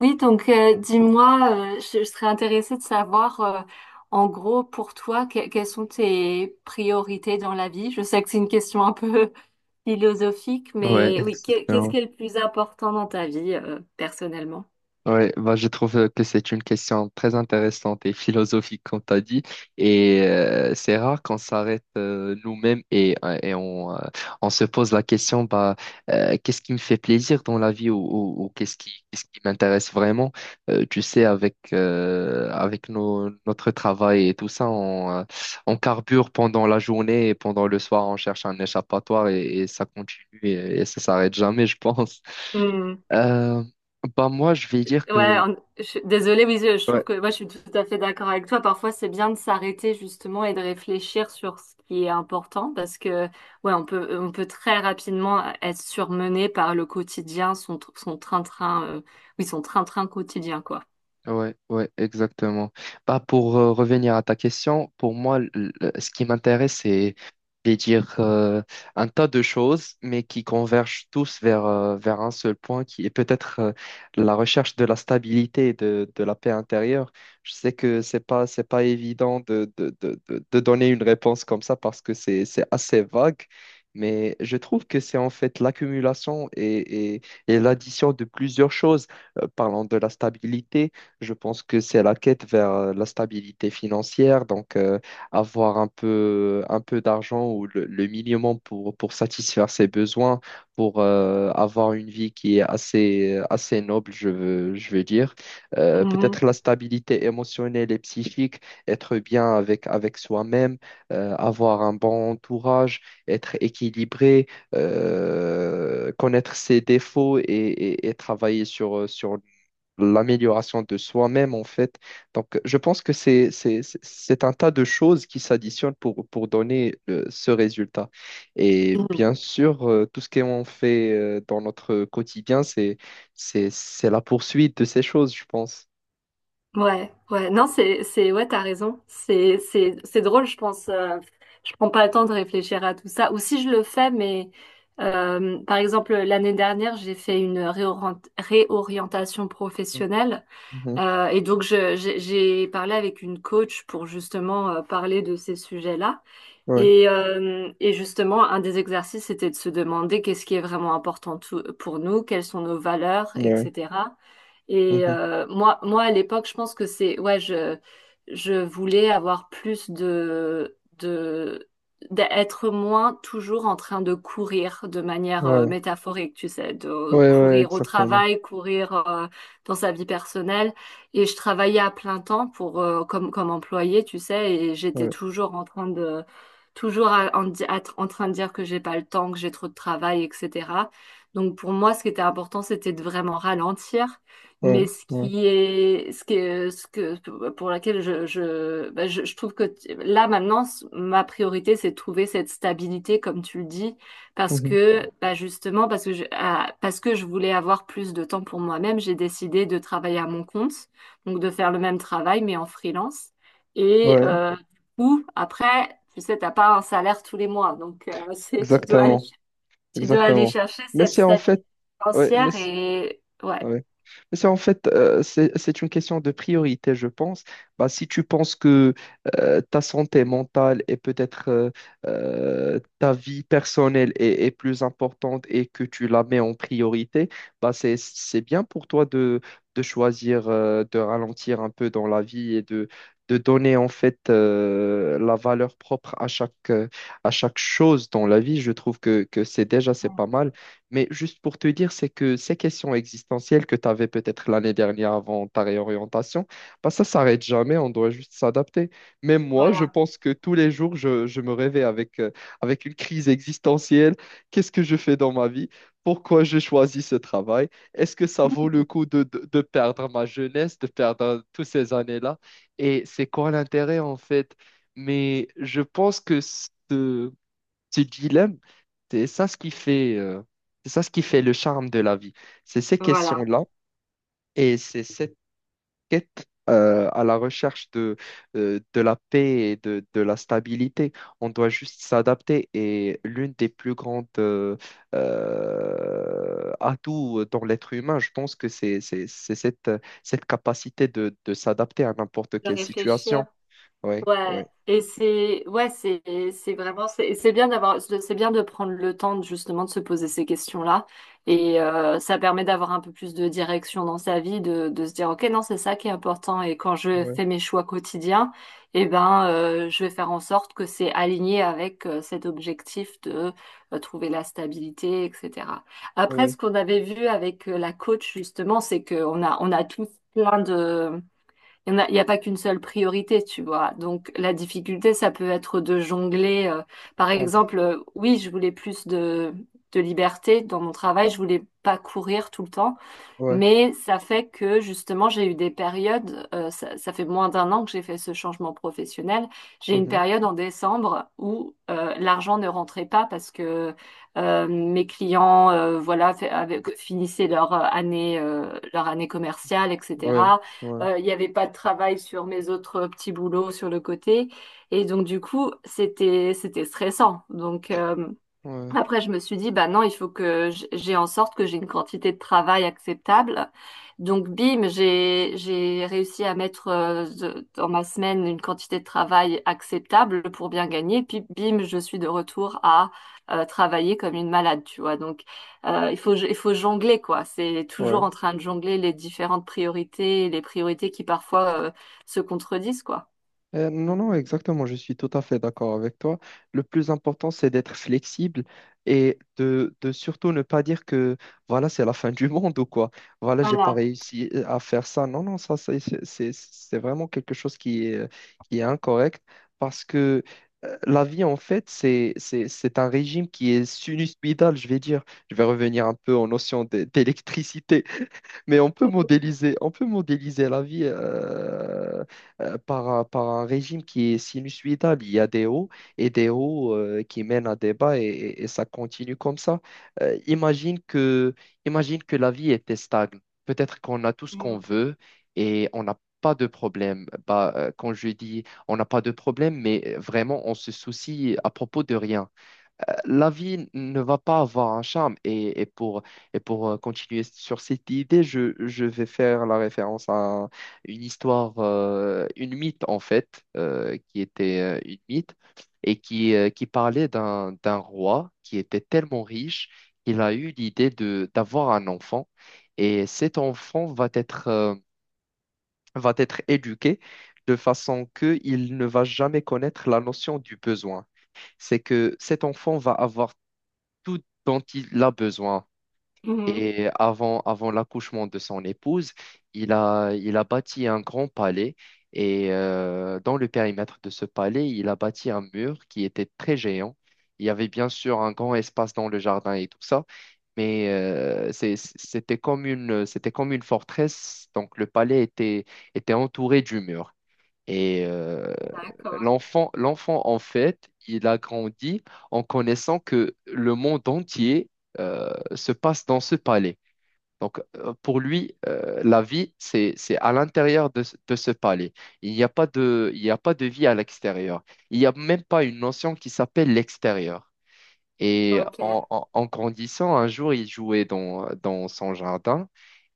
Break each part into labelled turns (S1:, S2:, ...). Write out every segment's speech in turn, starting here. S1: Oui, dis-moi, je serais intéressée de savoir, en gros, pour toi, quelles sont tes priorités dans la vie? Je sais que c'est une question un peu philosophique,
S2: Ouais,
S1: mais oui, qu'est-ce
S2: exactement.
S1: qui est le plus important dans ta vie, personnellement?
S2: Oui, bah, je trouve que c'est une question très intéressante et philosophique, comme tu as dit. C'est rare qu'on s'arrête nous-mêmes et on on se pose la question, qu'est-ce qui me fait plaisir dans la vie ou qu'est-ce qu'est-ce qui m'intéresse vraiment? Tu sais, avec notre travail et tout ça, on carbure pendant la journée et pendant le soir, on cherche un échappatoire et ça continue et ça s'arrête jamais, je pense. Euh, Bah moi, je vais dire
S1: Ouais,
S2: que
S1: je suis désolée, oui, je trouve
S2: ouais.
S1: que moi je suis tout à fait d'accord avec toi. Parfois, c'est bien de s'arrêter justement et de réfléchir sur ce qui est important parce que ouais, on peut très rapidement être surmené par le quotidien, son son train-train, oui, son train-train quotidien quoi.
S2: Ouais, ouais, exactement. Bah, pour revenir à ta question, pour moi, ce qui m'intéresse, c'est de dire un tas de choses, mais qui convergent tous vers, vers un seul point, qui est peut-être la recherche de la stabilité de la paix intérieure. Je sais que c'est pas évident de donner une réponse comme ça parce que c'est assez vague, mais je trouve que c'est en fait l'accumulation et l'addition de plusieurs choses. Parlant de la stabilité. Je pense que c'est la quête vers la stabilité financière, donc avoir un peu d'argent ou le minimum pour satisfaire ses besoins, pour avoir une vie qui est assez noble, je veux dire. Peut-être la stabilité émotionnelle et psychique, être bien avec soi-même, avoir un bon entourage, être équilibré, connaître ses défauts et travailler sur l'amélioration de soi-même, en fait. Donc, je pense que c'est un tas de choses qui s'additionnent pour donner ce résultat. Et
S1: Mhm.
S2: bien sûr, tout ce qu'on fait dans notre quotidien, c'est la poursuite de ces choses, je pense.
S1: Ouais, ouais, non, ouais, t'as raison. C'est drôle, je pense. Je prends pas le temps de réfléchir à tout ça. Ou si je le fais, mais par exemple, l'année dernière, j'ai fait une réorientation professionnelle.
S2: Mhm.
S1: Et donc, j'ai parlé avec une coach pour justement parler de ces sujets-là.
S2: Ouais,
S1: Et justement, un des exercices, c'était de se demander qu'est-ce qui est vraiment important pour nous, quelles sont nos valeurs,
S2: ouais,
S1: etc. Et
S2: mhm.
S1: moi, à l'époque, je pense que c'est, ouais, je voulais avoir d'être moins toujours en train de courir de manière
S2: Ouais,
S1: métaphorique, tu sais, de
S2: ouais, ouais,
S1: courir au
S2: exactement.
S1: travail, courir dans sa vie personnelle. Et je travaillais à plein temps pour, comme employée, tu sais, et j'étais
S2: Ouais,
S1: toujours en train de toujours en train de dire que j'ai pas le temps, que j'ai trop de travail, etc. Donc pour moi, ce qui était important, c'était de vraiment ralentir.
S2: ouais,
S1: Mais ce
S2: ouais,
S1: qui est, ce qui est- ce que, pour laquelle bah, je trouve que là maintenant, ma priorité, c'est de trouver cette stabilité, comme tu le dis, parce
S2: mhm.
S1: que, bah, justement, parce que je voulais avoir plus de temps pour moi-même, j'ai décidé de travailler à mon compte, donc de faire le même travail, mais en freelance. Et,
S2: Ouais,
S1: ou après, tu sais, t'as pas un salaire tous les mois, donc
S2: exactement,
S1: tu dois aller
S2: exactement.
S1: chercher
S2: Mais
S1: cette
S2: c'est en
S1: stabilité
S2: fait, ouais,
S1: financière et ouais,
S2: ouais. Mais c'est en fait, c'est une question de priorité, je pense. Bah, si tu penses que ta santé mentale et peut-être ta vie personnelle est plus importante et que tu la mets en priorité, bah, c'est bien pour toi de choisir de ralentir un peu dans la vie de donner en fait la valeur propre à à chaque chose dans la vie. Je trouve que c'est déjà, c'est pas mal. Mais juste pour te dire, c'est que ces questions existentielles que tu avais peut-être l'année dernière avant ta réorientation, bah ça s'arrête jamais, on doit juste s'adapter. Même moi, je
S1: voilà,
S2: pense que tous les jours, je me réveille avec une crise existentielle. Qu'est-ce que je fais dans ma vie? Pourquoi j'ai choisi ce travail? Est-ce que ça vaut le coup de perdre ma jeunesse, de perdre toutes ces années-là? Et c'est quoi l'intérêt en fait? Mais je pense que ce dilemme, c'est ça ce qui fait, c'est ça ce qui fait le charme de la vie. C'est ces
S1: voilà,
S2: questions-là et c'est cette quête à la recherche de la paix de la stabilité. On doit juste s'adapter et l'une des plus grandes atouts dans l'être humain, je pense que c'est cette, cette capacité de s'adapter à n'importe
S1: de
S2: quelle
S1: réfléchir.
S2: situation. Ouais,
S1: Ouais,
S2: ouais,
S1: et c'est bien d'avoir c'est bien de prendre le temps de, justement de se poser ces questions-là et ça permet d'avoir un peu plus de direction dans sa vie de se dire OK, non, c'est ça qui est important et quand je
S2: ouais,
S1: fais mes choix quotidiens, eh ben je vais faire en sorte que c'est aligné avec cet objectif de trouver la stabilité, etc. Après,
S2: ouais,
S1: ce qu'on avait vu avec la coach justement, c'est que on a tous plein de il y a pas qu'une seule priorité, tu vois. Donc la difficulté, ça peut être de jongler. Par
S2: on-
S1: exemple, oui, je voulais de liberté dans mon travail, je voulais pas courir tout le temps.
S2: ouais,
S1: Mais ça fait que justement, j'ai eu des périodes, ça fait moins d'un an que j'ai fait ce changement professionnel. J'ai eu une
S2: mhm,
S1: période en décembre où l'argent ne rentrait pas parce que mes clients voilà, finissaient leur année commerciale,
S2: ouais,
S1: etc.
S2: ouais,
S1: Il n'y avait pas de travail sur mes autres petits boulots sur le côté. Et donc, du coup, c'était stressant. Donc,
S2: ouais,
S1: après, je me suis dit, bah non, il faut que j'ai en sorte que j'ai une quantité de travail acceptable. Donc, bim, j'ai réussi à mettre dans ma semaine une quantité de travail acceptable pour bien gagner. Puis, bim, je suis de retour à travailler comme une malade, tu vois. Donc, il faut jongler, quoi. C'est toujours
S2: ouais.
S1: en train de jongler les différentes priorités, les priorités qui parfois se contredisent, quoi.
S2: Non, non, exactement, je suis tout à fait d'accord avec toi. Le plus important, c'est d'être flexible de surtout ne pas dire que voilà, c'est la fin du monde ou quoi. Voilà, j'ai pas
S1: Voilà.
S2: réussi à faire ça. Non, non, ça, c'est vraiment quelque chose qui est incorrect parce que la vie, en fait, c'est un régime qui est sinusoïdal, je vais dire. Je vais revenir un peu en notion d'électricité. Mais on peut modéliser la vie par un régime qui est sinusoïdal. Il y a des hauts et des hauts qui mènent à des bas et ça continue comme ça. Euh, imagine que, imagine que la vie était stagne. Peut-être qu'on a tout ce qu'on
S1: Mm.
S2: veut et on n'a pas de problème. Bah, quand je dis on n'a pas de problème, mais vraiment on se soucie à propos de rien la vie ne va pas avoir un charme. Et pour continuer sur cette idée, je vais faire la référence à une histoire, une mythe en fait, qui était une mythe et qui parlait d'un roi qui était tellement riche qu'il a eu l'idée d'avoir un enfant. Et cet enfant va être éduqué de façon qu'il ne va jamais connaître la notion du besoin, c'est que cet enfant va avoir tout dont il a besoin.
S1: Mhm.
S2: Et avant, avant l'accouchement de son épouse, il a bâti un grand palais. Et dans le périmètre de ce palais, il a bâti un mur qui était très géant. Il y avait bien sûr un grand espace dans le jardin et tout ça, mais c'était comme une forteresse. Donc le palais était entouré du mur. Et euh,
S1: D'accord.
S2: L'enfant, en fait, il a grandi en connaissant que le monde entier se passe dans ce palais. Donc, pour lui, la vie, c'est à l'intérieur de ce palais. Il n'y a pas de vie à l'extérieur. Il n'y a même pas une notion qui s'appelle l'extérieur. Et
S1: Ok.
S2: en grandissant, un jour, il jouait dans son jardin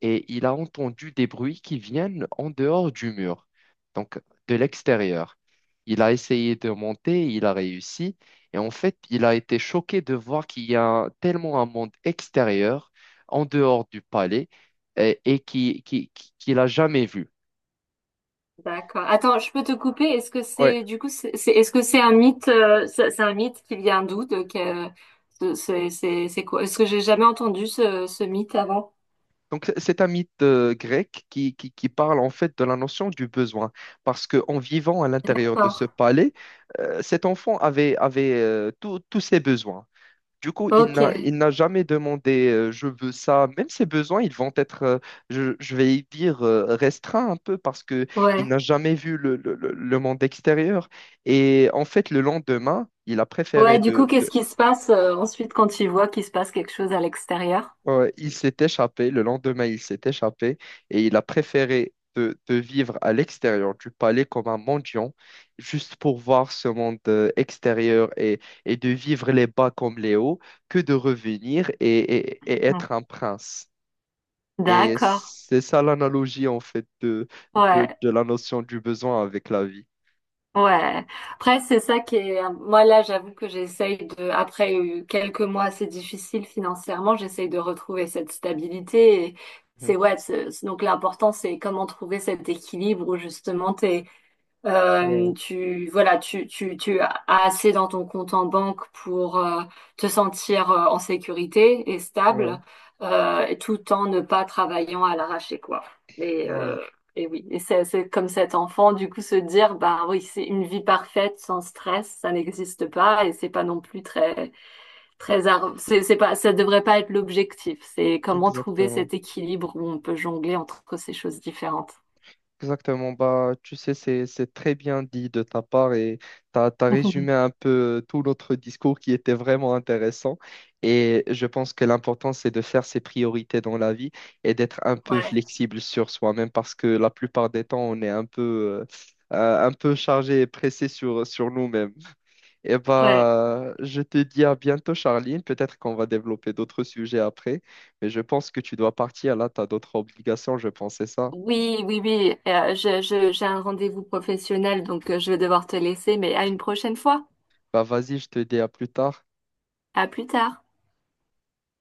S2: et il a entendu des bruits qui viennent en dehors du mur, donc de l'extérieur. Il a essayé de monter, il a réussi, et en fait, il a été choqué de voir qu'il y a tellement un monde extérieur, en dehors du palais, et, qu'il n'a jamais vu.
S1: D'accord. Attends, je peux te couper? Est-ce que
S2: Ouais.
S1: c'est du coup est-ce que c'est un mythe c'est un mythe qui vient d'où c'est quoi? Est-ce que j'ai jamais entendu ce mythe avant?
S2: Donc, c'est un mythe grec qui parle en fait de la notion du besoin, parce qu'en vivant à l'intérieur de ce
S1: D'accord.
S2: palais, cet enfant avait tous tous ses besoins. Du coup,
S1: Ok.
S2: il n'a jamais demandé je veux ça. Même ses besoins, ils vont être, je vais y dire, restreints un peu parce que il
S1: Ouais.
S2: n'a jamais vu le monde extérieur. Et en fait, le lendemain, il a préféré
S1: Ouais, du coup, qu'est-ce
S2: de-
S1: qui se passe ensuite quand tu vois qu'il se passe quelque chose à l'extérieur?
S2: ouais, ouais, il s'est échappé, le lendemain il s'est échappé et il a préféré de vivre à l'extérieur du palais comme un mendiant, juste pour voir ce monde extérieur et de vivre les bas comme les hauts, que de revenir et
S1: Mhm.
S2: être un prince. Et
S1: D'accord.
S2: c'est ça l'analogie en fait
S1: Ouais.
S2: de la notion du besoin avec la vie.
S1: Ouais. Après, c'est ça qui est. Moi, là, j'avoue que j'essaye de. Après quelques mois assez difficiles financièrement, j'essaye de retrouver cette stabilité. Et
S2: Mhm.
S1: donc l'important, c'est comment trouver cet équilibre où justement,
S2: Ouais,
S1: tu voilà, tu as assez dans ton compte en banque pour te sentir en sécurité et
S2: ouais,
S1: stable, et tout en ne pas travaillant à l'arraché, quoi. Et,
S2: ouais,
S1: euh, et oui, et c'est comme cet enfant, du coup, se dire, bah oui, c'est une vie parfaite sans stress, ça n'existe pas, et c'est pas non plus c'est pas ça devrait pas être l'objectif. C'est comment trouver
S2: exactement.
S1: cet équilibre où on peut jongler entre ces choses différentes.
S2: Exactement, bah, tu sais, c'est très bien dit de ta part et tu as, résumé un peu tout notre discours qui était vraiment intéressant. Et je pense que l'important, c'est de faire ses priorités dans la vie et d'être un peu
S1: Ouais,
S2: flexible sur soi-même parce que la plupart des temps, on est un peu chargé et pressé sur nous-mêmes. Et
S1: ouais.
S2: bah, je te dis à bientôt, Charline. Peut-être qu'on va développer d'autres sujets après, mais je pense que tu dois partir. Là, tu as d'autres obligations, je pensais ça.
S1: Oui, oui, oui. J'ai un rendez-vous professionnel, donc je vais devoir te laisser, mais à une prochaine fois.
S2: Bah vas-y, je te dis à plus tard.
S1: À plus tard.